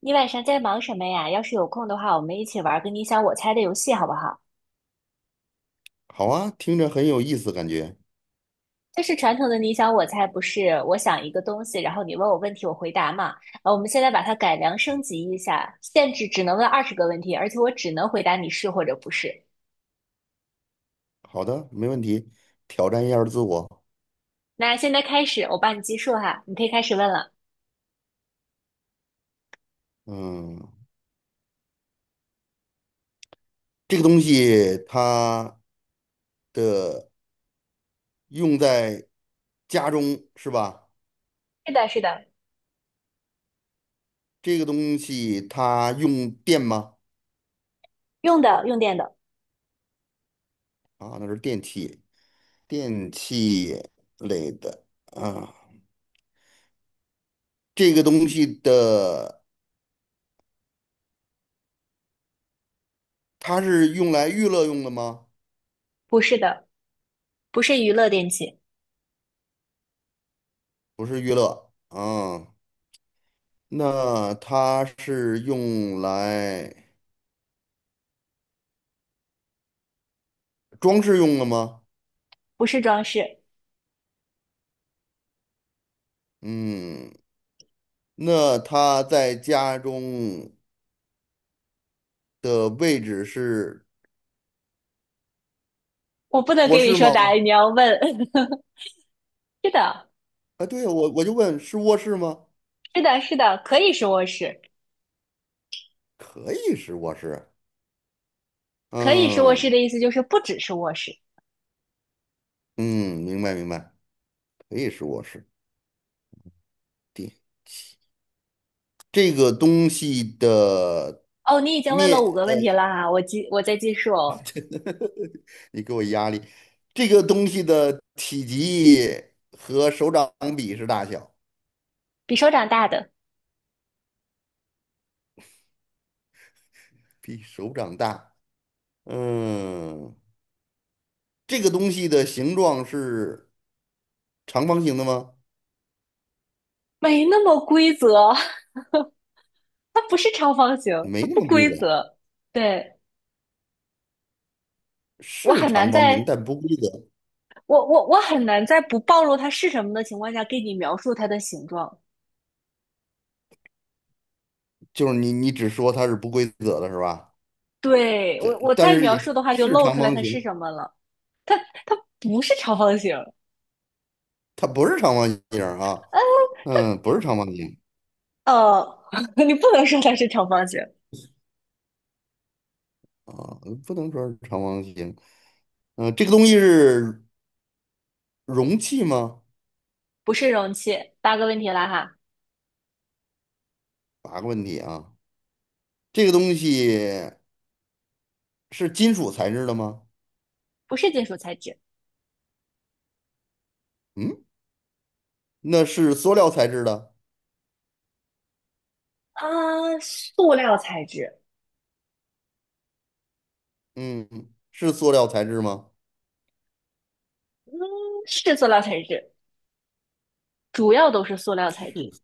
你晚上在忙什么呀？要是有空的话，我们一起玩儿个你想我猜的游戏，好不好？好啊，听着很有意思，感觉。就是传统的你想我猜，不是我想一个东西，然后你问我问题，我回答嘛。我们现在把它改良升级一下，限制只能问20个问题，而且我只能回答你是或者不是。好的，没问题，挑战一下自我。那现在开始，我帮你计数哈，你可以开始问了。嗯，这个东西它的用在家中是吧？是的，是的。这个东西它用电吗？用的，用电的。啊，那是电器，电器类的啊。这个东西的它是用来娱乐用的吗？不是的，不是娱乐电器。不是娱乐啊，那它是用来装饰用的吗？不是装饰。嗯，那他在家中的位置是我不能卧给你室说答吗？案，你要问。是的，啊，对呀，我就问是卧室吗？是的，是的，可以说是卧室。可以是卧室。可以是卧室嗯的意思就是不只是卧室。嗯，明白明白，可以是卧室。对，这个东西的哦，你已经问面，了五个问题了哈，我在记数哦。你给我压力。这个东西的体积和手掌比是大小，比手掌大的。比手掌大。嗯，这个东西的形状是长方形的吗？没那么规则，它不是长方形，它没那不么规规则，则。对，我是很难长方形，在但不规则。我很难在不暴露它是什么的情况下给你描述它的形状。就是你只说它是不规则的是吧？对，我这我但再是描也述是的话就是露长出来方它是形，什么了，它不是长方形。它不是长方形啊，嗯嗯，不是长方形呃，你不能说它是长方形。啊，不能说是长方形。嗯，这个东西是容器吗？不是容器。八个问题了哈。八个问题啊，这个东西是金属材质的吗？不是金属材质。嗯，那是塑料材质的，啊，塑料材质。嗯，是塑料材质吗？是塑料材质，主要都是塑料材质。是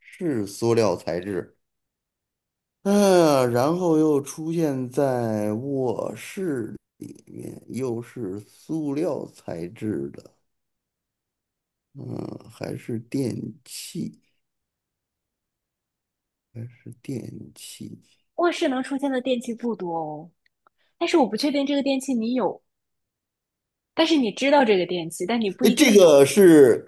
是塑料材质，嗯，然后又出现在卧室里面，又是塑料材质的，嗯，还是电器，还是电器。卧室能出现的电器不多哦，但是我不确定这个电器你有，但是你知道这个电器，但你不哎，一这定有。个是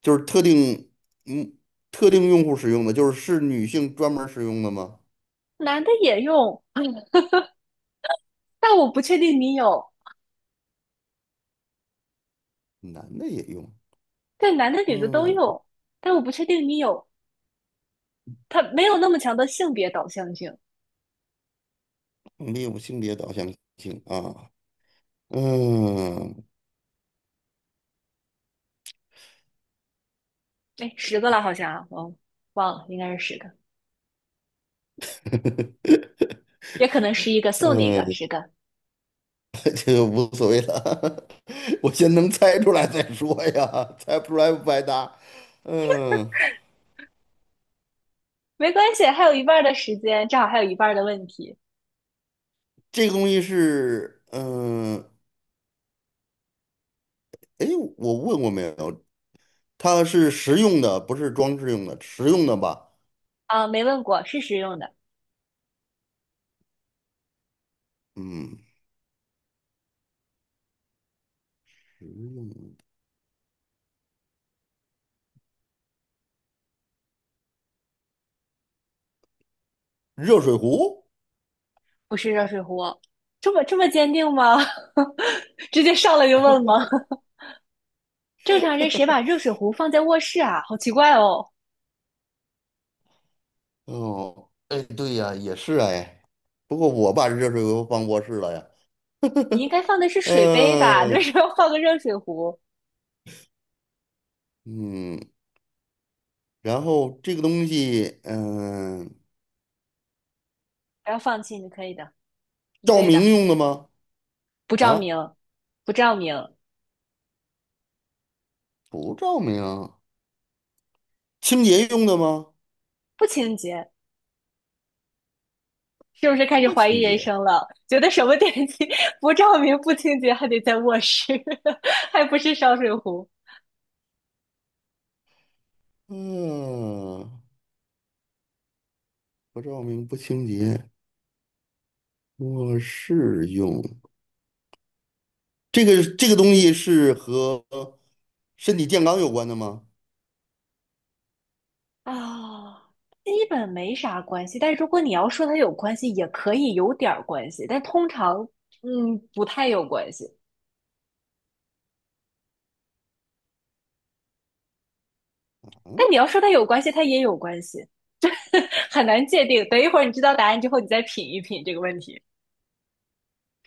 就是特定，嗯，特定用户使用的，就是是女性专门儿使用的吗？男的也用，但我不确定你有。男的也用，对，男的女的都嗯，用，但我不确定你有。它没有那么强的性别导向性。没有性别导向性啊，嗯，哎，十个了好像啊，我忘了，应该是十个，也可能11个，送你一个，十嗯，个。 这个无所谓了，我先能猜出来再说呀，猜不出来不白搭。嗯，没关系，还有一半儿的时间，正好还有一半儿的问题。这个东西是，嗯，哎，我问过没有？它是实用的，不是装饰用的，实用的吧？啊，没问过，是实用的。嗯，实用的热水壶。不是热水壶。这么这么坚定吗？直接上来就问吗？正常人谁把热水壶放在卧室啊？好奇怪哦！哦，哎，对呀，也是哎，不过我把热水壶放卧室了呀。你应该放的是水杯吧？你为嗯什么要放个热水壶？嗯，然后这个东西，嗯，不要放弃，你可以的，你可照以明的。用的吗？不照啊？明。不照明。不照明，清洁用的吗？不清洁。是不是开始不怀疑清人洁。生了？觉得什么电器 不照明、不清洁，还得在卧室，还不是烧水壶？嗯，不照明不清洁，卧室用。这个东西是和身体健康有关的吗？啊，基本没啥关系。但如果你要说它有关系，也可以有点儿关系，但通常，嗯，不太有关系。嗯，但你要说它有关系，它也有关系，很难界定。等一会儿你知道答案之后，你再品一品这个问题。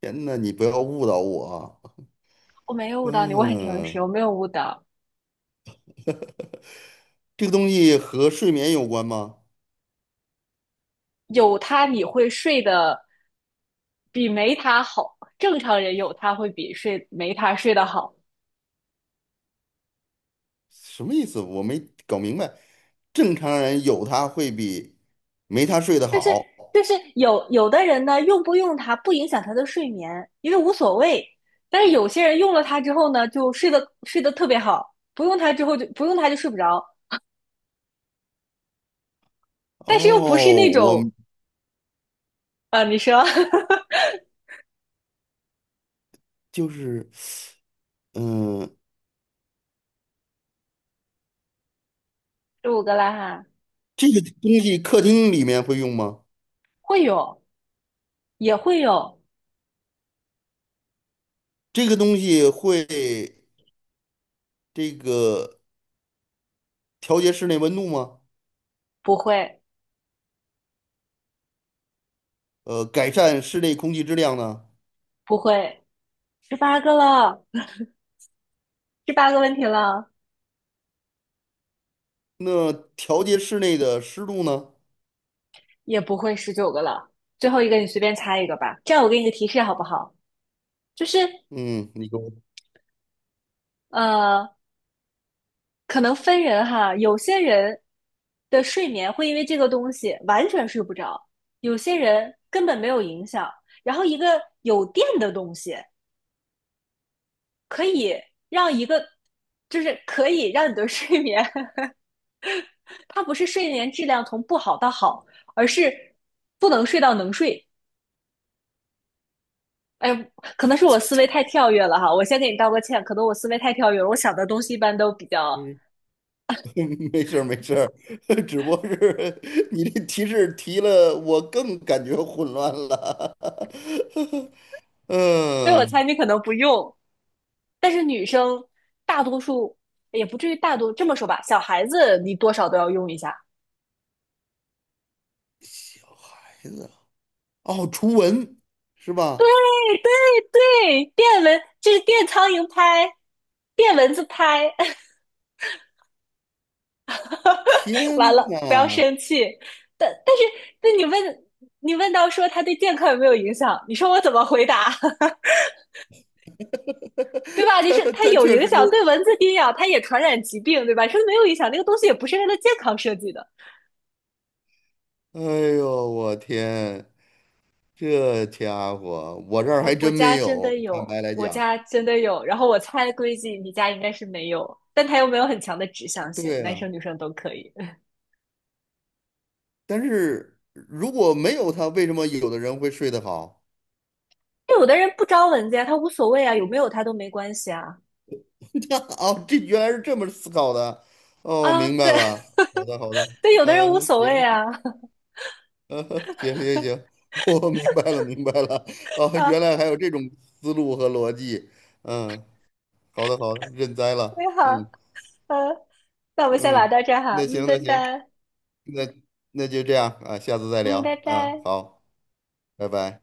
天呐，你不要误导我啊。我没有误导你，我很诚嗯，实，我没有误导。这个东西和睡眠有关吗？有它你会睡得比没它好，正常人有它会比睡没它睡得好。什么意思？我没搞明白。正常人有它会比没它睡得好。就是有的人呢，用不用它不影响他的睡眠，因为无所谓。但是有些人用了它之后呢，就睡得特别好，不用它之后就睡不着。哦，但是又不是那我种你说 就是。嗯，15个了哈。这个东西客厅里面会用吗？会有也会有。这个东西会这个调节室内温度吗？不会。改善室内空气质量呢？不会，十八个了，十八个问题了。那调节室内的湿度呢？也不会。19个了。最后一个你随便猜一个吧，这样我给你个提示好不好？就是嗯，你给我，呃，可能分人哈，有些人的睡眠会因为这个东西完全睡不着，有些人根本没有影响。然后一个有电的东西可以让一个，就是可以让你的 睡眠，它不是睡眠质量从不好到好，而是不能睡到能睡。哎，可能是我思维太跳跃了哈，我先给你道个歉，可能我思维太跳跃了，我想的东西一般都比较，嗯 没事儿没事儿，只不过是 你这提示提了，我更感觉混乱了。所以我猜嗯，你可能不用。但是女生大多数也不至于大多这么说吧，小孩子你多少都要用一下。小孩子哦，除蚊是对吧？对对，电蚊就是电苍蝇拍，电蚊子拍。天完了，不要呐，生气。但是那你问到说它对健康有没有影响，你说我怎么回答？对吧？你他是它他有确影实。响，对蚊子叮咬它也传染疾病，对吧？说没有影响，那个东西也不是为了健康设计的。哎呦，我天，这家伙，我这儿我还我真没家真有。的坦有，白来我讲，家真的有。然后我猜估计你家应该是没有，但它又没有很强的指向性，对男啊，生女生都可以。但是如果没有他，为什么有的人会睡得好？有的人不招蚊子呀，他无所谓啊，有没有他都没关系啊。这哦，这原来是这么思考的。哦，啊，明对，白了。好 的，好的。对，有的人无嗯、所谓行，啊。行行行，我明白了，明白了。哦，原啊，来还有这种思路和逻辑。嗯，好的，好的，认栽了。你好，嗯呃，那我们先聊嗯，到这儿哈，那嗯，行，拜那行。拜，那那就这样啊，下次再嗯，拜聊啊，拜。好，拜拜。